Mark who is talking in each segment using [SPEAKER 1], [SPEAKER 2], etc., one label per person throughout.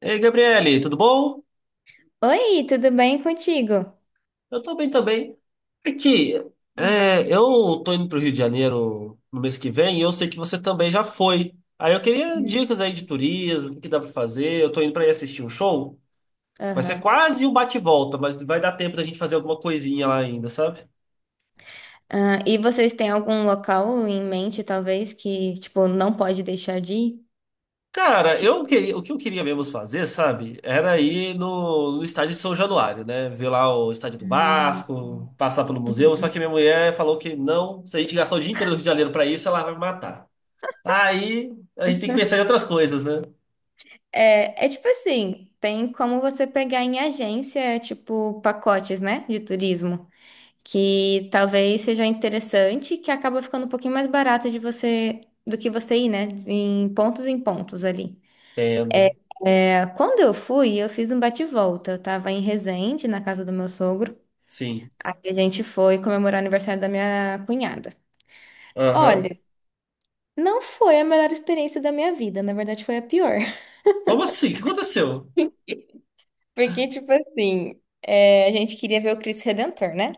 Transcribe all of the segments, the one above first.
[SPEAKER 1] Ei, Gabriele, tudo bom?
[SPEAKER 2] Oi, tudo bem contigo?
[SPEAKER 1] Eu tô bem também. Aqui, eu tô indo pro Rio de Janeiro no mês que vem e eu sei que você também já foi. Aí eu queria
[SPEAKER 2] Hum.
[SPEAKER 1] dicas aí de turismo, o que que dá pra fazer. Eu tô indo pra ir assistir um show. Vai ser
[SPEAKER 2] Aham.
[SPEAKER 1] quase um bate-volta, mas vai dar tempo da gente fazer alguma coisinha lá ainda, sabe?
[SPEAKER 2] Ah, e vocês têm algum local em mente, talvez, que, tipo, não pode deixar de ir?
[SPEAKER 1] Cara, eu
[SPEAKER 2] Tipo,
[SPEAKER 1] queria, o que eu queria mesmo fazer, sabe? Era ir no estádio de São Januário, né? Ver lá o estádio do Vasco, passar pelo museu. Só que minha mulher falou que não, se a gente gastar o dia inteiro no Rio de Janeiro pra isso, ela vai me matar. Aí a gente tem que pensar em outras coisas, né?
[SPEAKER 2] é tipo assim, tem como você pegar em agência, tipo, pacotes, né, de turismo, que talvez seja interessante, que acaba ficando um pouquinho mais barato de você, do que você ir, né, em pontos ali.
[SPEAKER 1] Entendo.
[SPEAKER 2] É, quando eu fui, eu fiz um bate-volta, eu tava em Resende, na casa do meu sogro.
[SPEAKER 1] Sim.
[SPEAKER 2] Aí a gente foi comemorar o aniversário da minha cunhada.
[SPEAKER 1] Aham.
[SPEAKER 2] Olha, não foi a melhor experiência da minha vida, na verdade foi a pior.
[SPEAKER 1] Como assim? O que aconteceu?
[SPEAKER 2] Porque, tipo assim, é, a gente queria ver o Cristo Redentor, né?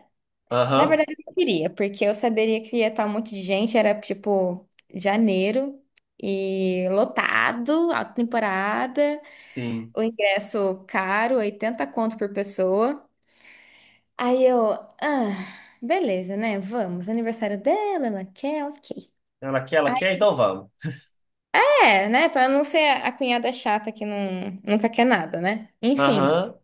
[SPEAKER 2] Na
[SPEAKER 1] Aham.
[SPEAKER 2] verdade, eu não queria, porque eu saberia que ia estar um monte de gente, era tipo janeiro e lotado, alta temporada,
[SPEAKER 1] Sim.
[SPEAKER 2] o ingresso caro, 80 conto por pessoa. Aí eu, ah, beleza, né? Vamos, aniversário dela, ela quer, ok.
[SPEAKER 1] Ela quer, então vamos.
[SPEAKER 2] É, né? Pra não ser a cunhada chata que não, nunca quer nada, né? Enfim.
[SPEAKER 1] Aham.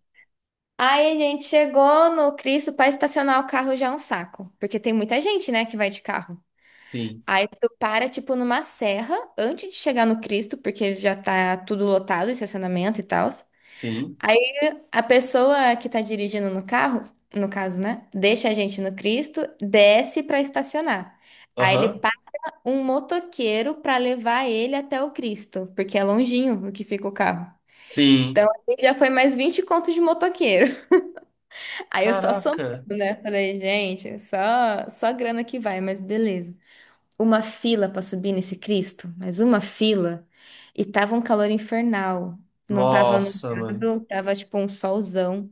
[SPEAKER 2] Aí a gente chegou no Cristo, pra estacionar o carro já é um saco. Porque tem muita gente, né, que vai de carro.
[SPEAKER 1] Sim.
[SPEAKER 2] Aí tu para, tipo, numa serra antes de chegar no Cristo, porque já tá tudo lotado, estacionamento e tal.
[SPEAKER 1] Sim.
[SPEAKER 2] Aí a pessoa que tá dirigindo no carro, no caso, né, deixa a gente no Cristo, desce pra estacionar. Aí ele
[SPEAKER 1] Aham.
[SPEAKER 2] paga um motoqueiro pra levar ele até o Cristo, porque é longinho o que fica o carro.
[SPEAKER 1] Sim.
[SPEAKER 2] Então, aí já foi mais 20 contos de motoqueiro. Aí eu só somando,
[SPEAKER 1] Caraca.
[SPEAKER 2] né? Falei, gente, só grana que vai, mas beleza. Uma fila pra subir nesse Cristo, mas uma fila. E tava um calor infernal. Não tava
[SPEAKER 1] Nossa, mano.
[SPEAKER 2] nublado, tava tipo um solzão.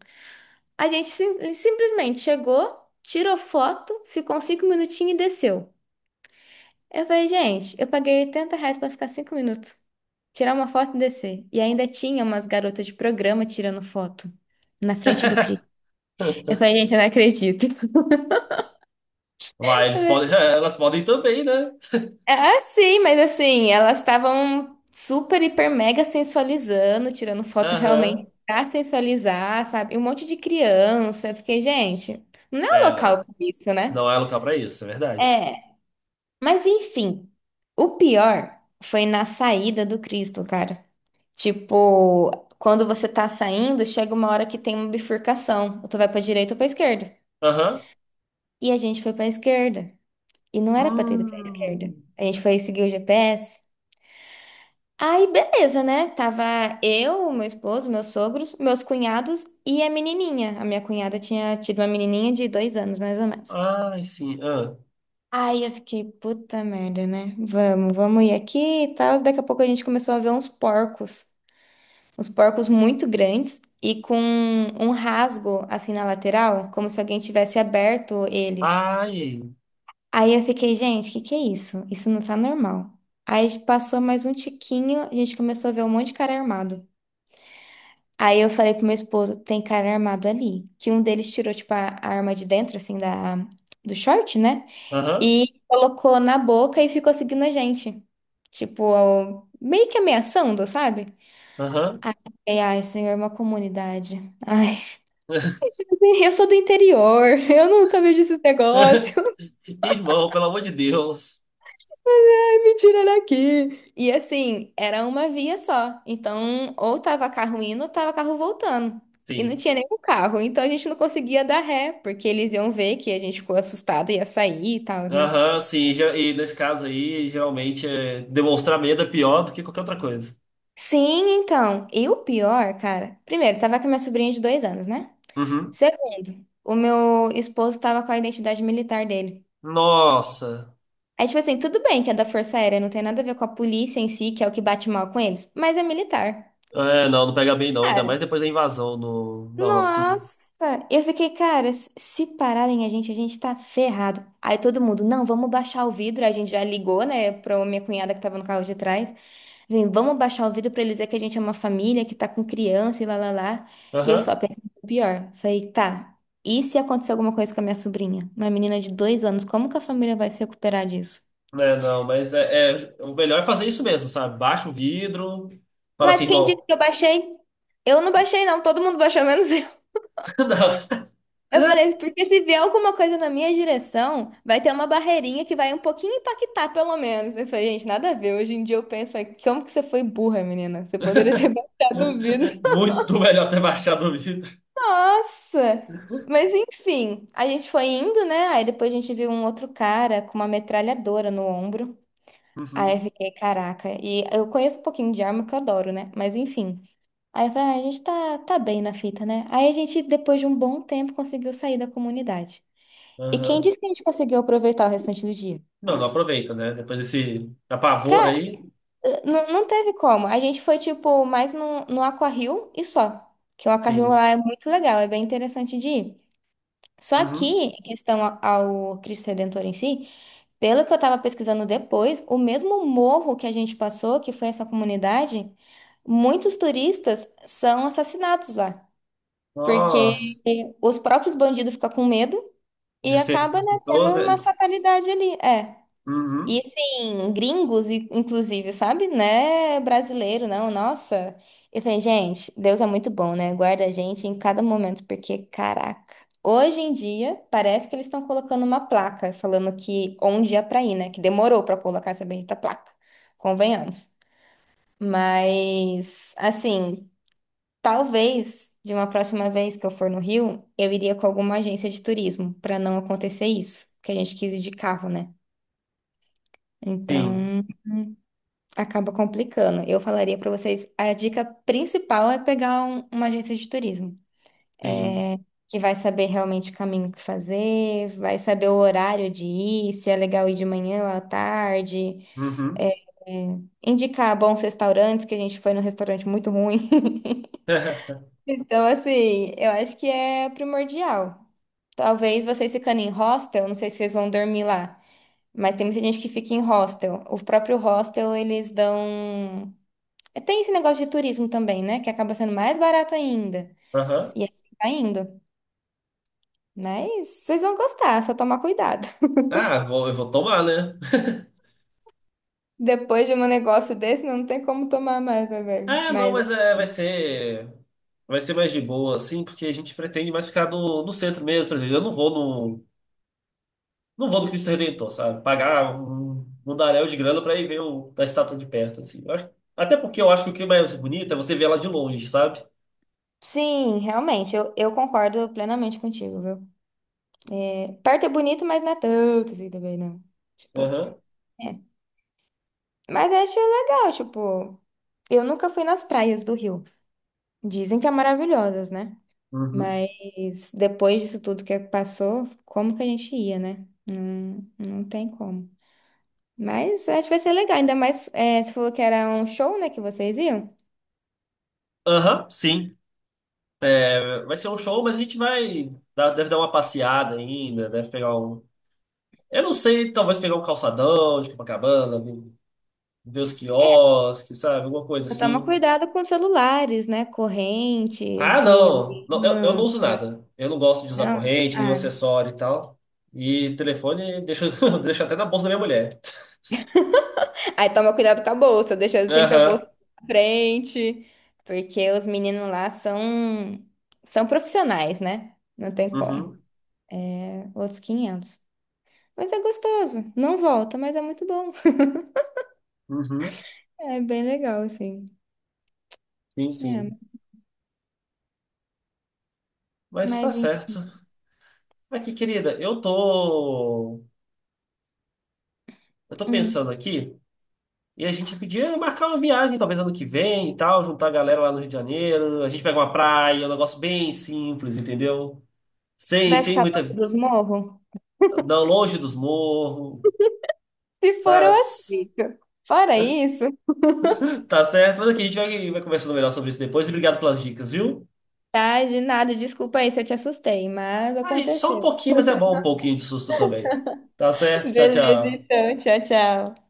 [SPEAKER 2] A gente simplesmente chegou, tirou foto, ficou uns 5 minutinhos e desceu. Eu falei, gente, eu paguei R$ 80 pra ficar 5 minutos. Tirar uma foto e descer. E ainda tinha umas garotas de programa tirando foto na frente do Cristo. Eu falei, gente, eu não acredito.
[SPEAKER 1] Vai, eles podem, elas podem também, né?
[SPEAKER 2] Ah, sim, mas assim, elas estavam super, hiper, mega sensualizando, tirando foto realmente
[SPEAKER 1] Aham.
[SPEAKER 2] pra sensualizar, sabe? E um monte de criança. Eu fiquei, gente, não é um
[SPEAKER 1] É,
[SPEAKER 2] local
[SPEAKER 1] né?
[SPEAKER 2] pra isso, né?
[SPEAKER 1] Não é local pra isso, é verdade.
[SPEAKER 2] É, mas enfim, o pior foi na saída do Cristo, cara. Tipo, quando você tá saindo, chega uma hora que tem uma bifurcação. Ou tu vai pra direita ou pra esquerda.
[SPEAKER 1] Aham.
[SPEAKER 2] E a gente foi pra esquerda. E não era pra ter ido pra esquerda.
[SPEAKER 1] Hum.
[SPEAKER 2] A gente foi seguir o GPS. Aí, beleza, né? Tava eu, meu esposo, meus sogros, meus cunhados e a menininha. A minha cunhada tinha tido uma menininha de 2 anos, mais ou menos.
[SPEAKER 1] Ai, sim. Ah.
[SPEAKER 2] Aí eu fiquei, puta merda, né? Vamos, vamos ir aqui e tal. Daqui a pouco a gente começou a ver uns porcos. Uns porcos muito grandes e com um rasgo assim na lateral, como se alguém tivesse aberto eles.
[SPEAKER 1] Ai.
[SPEAKER 2] Aí eu fiquei, gente, o que que é isso? Isso não tá normal. Aí passou mais um tiquinho, a gente começou a ver um monte de cara armado. Aí eu falei pro meu esposo, tem cara armado ali. Que um deles tirou, tipo, a arma de dentro, assim, do short, né?
[SPEAKER 1] Aham.
[SPEAKER 2] E colocou na boca e ficou seguindo a gente. Tipo, meio que ameaçando, sabe?
[SPEAKER 1] Aham.
[SPEAKER 2] E, ai, senhor, é uma comunidade. Ai, eu sou do interior, eu nunca vejo esse negócio.
[SPEAKER 1] Irmão, pelo amor de Deus.
[SPEAKER 2] Me tira daqui! E assim, era uma via só. Então, ou tava carro indo, ou tava carro voltando. E não
[SPEAKER 1] Sim.
[SPEAKER 2] tinha nenhum carro. Então, a gente não conseguia dar ré, porque eles iam ver que a gente ficou assustado e ia sair e tal, né?
[SPEAKER 1] Aham, sim. E nesse caso aí, geralmente demonstrar medo é pior do que qualquer outra coisa.
[SPEAKER 2] Sim, então. E o pior, cara. Primeiro, tava com a minha sobrinha de 2 anos, né?
[SPEAKER 1] Uhum.
[SPEAKER 2] Segundo, o meu esposo tava com a identidade militar dele.
[SPEAKER 1] Nossa.
[SPEAKER 2] Aí, tipo assim, tudo bem que é da Força Aérea, não tem nada a ver com a polícia em si, que é o que bate mal com eles, mas é militar.
[SPEAKER 1] É, não pega bem não. Ainda mais
[SPEAKER 2] Cara,
[SPEAKER 1] depois da invasão no, na Rocinha.
[SPEAKER 2] nossa, eu fiquei, cara, se se pararem a gente tá ferrado. Aí todo mundo, não, vamos baixar o vidro. A gente já ligou, né, pra minha cunhada que tava no carro de trás. Vem, vamos baixar o vidro pra eles dizer que a gente é uma família, que tá com criança e lá, lá, lá. E eu só
[SPEAKER 1] Aham.
[SPEAKER 2] pensei no pior. Falei, tá, e se acontecer alguma coisa com a minha sobrinha? Uma menina de 2 anos, como que a família vai se recuperar disso?
[SPEAKER 1] É, não, mas o melhor é fazer isso mesmo, sabe? Baixa o vidro, fala
[SPEAKER 2] Mas
[SPEAKER 1] assim,
[SPEAKER 2] quem disse
[SPEAKER 1] irmão.
[SPEAKER 2] que eu baixei? Eu não baixei, não. Todo mundo baixou, menos
[SPEAKER 1] Não.
[SPEAKER 2] eu. Falei, assim, porque se vier alguma coisa na minha direção, vai ter uma barreirinha que vai um pouquinho impactar, pelo menos. Eu falei, gente, nada a ver. Hoje em dia eu penso, falei, como que você foi burra, menina? Você poderia ter baixado o vidro.
[SPEAKER 1] Muito melhor ter baixado o vidro.
[SPEAKER 2] Nossa! Mas enfim, a gente foi indo, né? Aí depois a gente viu um outro cara com uma metralhadora no ombro. Aí eu
[SPEAKER 1] Uhum.
[SPEAKER 2] fiquei, caraca. E eu conheço um pouquinho de arma, que eu adoro, né? Mas enfim. Aí eu falei, ah, a gente tá, tá bem na fita, né? Aí a gente, depois de um bom tempo, conseguiu sair da comunidade. E quem
[SPEAKER 1] Aham.
[SPEAKER 2] disse que a gente conseguiu aproveitar o restante do dia?
[SPEAKER 1] Não, não aproveita, né? Depois desse apavor
[SPEAKER 2] Cara,
[SPEAKER 1] aí,
[SPEAKER 2] não, não teve como. A gente foi, tipo, mais no, no Aquario e só. Que o Aquario
[SPEAKER 1] sim.
[SPEAKER 2] lá é muito legal, é bem interessante de ir. Só que,
[SPEAKER 1] Uhum.
[SPEAKER 2] em ao Cristo Redentor em si, pelo que eu tava pesquisando depois, o mesmo morro que a gente passou, que foi essa comunidade, muitos turistas são assassinados lá.
[SPEAKER 1] Nossa,
[SPEAKER 2] Porque os próprios bandidos ficam com medo e
[SPEAKER 1] de ser com
[SPEAKER 2] acaba,
[SPEAKER 1] as
[SPEAKER 2] né, tendo
[SPEAKER 1] pessoas,
[SPEAKER 2] uma
[SPEAKER 1] né?
[SPEAKER 2] fatalidade ali. É. E
[SPEAKER 1] Uhum,
[SPEAKER 2] assim, gringos, inclusive, sabe? Né? Brasileiro, não, nossa. Eu falei, gente, Deus é muito bom, né? Guarda a gente em cada momento, porque, caraca, hoje em dia parece que eles estão colocando uma placa falando que onde é pra ir, né? Que demorou pra colocar essa bendita placa, convenhamos. Mas, assim, talvez de uma próxima vez que eu for no Rio, eu iria com alguma agência de turismo, pra não acontecer isso, que a gente quis ir de carro, né?
[SPEAKER 1] sim,
[SPEAKER 2] Então, acaba complicando. Eu falaria para vocês, a dica principal é pegar uma agência de turismo,
[SPEAKER 1] sim.
[SPEAKER 2] que vai saber realmente o caminho que fazer, vai saber o horário de ir, se é legal ir de manhã ou à tarde,
[SPEAKER 1] Uhum.
[SPEAKER 2] é, é, indicar bons restaurantes, que a gente foi num restaurante muito ruim. Então, assim, eu acho que é primordial. Talvez vocês ficando em hostel, não sei se vocês vão dormir lá, mas tem muita gente que fica em hostel. O próprio hostel, eles dão. É, tem esse negócio de turismo também, né? Que acaba sendo mais barato ainda.
[SPEAKER 1] Aham.
[SPEAKER 2] E aí tá indo. Mas vocês vão gostar, é só tomar cuidado.
[SPEAKER 1] Ah, vou, eu vou tomar, né?
[SPEAKER 2] Depois de um negócio desse, não tem como tomar mais, né, velho?
[SPEAKER 1] Ah, não,
[SPEAKER 2] Mas
[SPEAKER 1] mas é, vai ser mais de boa, assim, porque a gente pretende mais ficar no centro mesmo, por exemplo. Eu não vou no, Não vou no Cristo Redentor, sabe? Pagar um daréu de grana pra ir ver a estátua de perto, assim. Até porque eu acho que o que é mais bonito é você ver ela de longe, sabe?
[SPEAKER 2] sim, realmente, eu concordo plenamente contigo, viu? É, perto é bonito, mas não é tanto assim também, não. Tipo,
[SPEAKER 1] Aham.
[SPEAKER 2] é. Mas eu acho legal, tipo, eu nunca fui nas praias do Rio. Dizem que é maravilhosas, né?
[SPEAKER 1] Uhum.
[SPEAKER 2] Mas depois disso tudo que passou, como que a gente ia, né? Não, não tem como. Mas acho que vai ser legal, ainda mais é, você falou que era um show, né, que vocês iam.
[SPEAKER 1] Aham, sim. Vai ser um show, mas a gente vai. Deve dar uma passeada ainda, deve pegar um. Eu não sei, talvez pegar um calçadão de Copacabana, ver os
[SPEAKER 2] É,
[SPEAKER 1] quiosques, sabe? Alguma coisa
[SPEAKER 2] só toma
[SPEAKER 1] assim.
[SPEAKER 2] cuidado com celulares, né?
[SPEAKER 1] Ah,
[SPEAKER 2] Correntes e
[SPEAKER 1] não! Não, eu não uso
[SPEAKER 2] aliança.
[SPEAKER 1] nada. Eu não gosto de usar
[SPEAKER 2] Não.
[SPEAKER 1] corrente, nenhum
[SPEAKER 2] Ai.
[SPEAKER 1] acessório e tal. E telefone deixa, deixa até na bolsa da minha mulher.
[SPEAKER 2] Aí toma cuidado com a bolsa, deixa sempre a bolsa
[SPEAKER 1] Aham.
[SPEAKER 2] na frente, porque os meninos lá são, são profissionais, né? Não tem como.
[SPEAKER 1] Uhum.
[SPEAKER 2] Outros 500. Mas é gostoso. Não volta, mas é muito bom.
[SPEAKER 1] Uhum.
[SPEAKER 2] É bem legal, assim.
[SPEAKER 1] Sim,
[SPEAKER 2] É,
[SPEAKER 1] sim. Mas tá
[SPEAKER 2] mas em-,
[SPEAKER 1] certo. Aqui, querida, eu tô. Eu tô
[SPEAKER 2] hum.
[SPEAKER 1] pensando aqui. E a gente podia marcar uma viagem, talvez ano que vem e tal, juntar a galera lá no Rio de Janeiro. A gente pega uma praia, um negócio bem simples, entendeu? Sem,
[SPEAKER 2] Vai
[SPEAKER 1] sem
[SPEAKER 2] ficar perto
[SPEAKER 1] muita.
[SPEAKER 2] dos morros?
[SPEAKER 1] Não, longe dos morros,
[SPEAKER 2] Se for, eu
[SPEAKER 1] tá?
[SPEAKER 2] aceito. Fora isso,
[SPEAKER 1] Tá certo? Mas aqui a gente vai, vai conversando melhor sobre isso depois. E obrigado pelas dicas, viu?
[SPEAKER 2] tá? De nada, desculpa aí se eu te assustei, mas
[SPEAKER 1] Aí, só um
[SPEAKER 2] aconteceu.
[SPEAKER 1] pouquinho, mas é bom um pouquinho de susto também. Tá certo? Tchau,
[SPEAKER 2] Beleza,
[SPEAKER 1] tchau.
[SPEAKER 2] então. Tchau, tchau.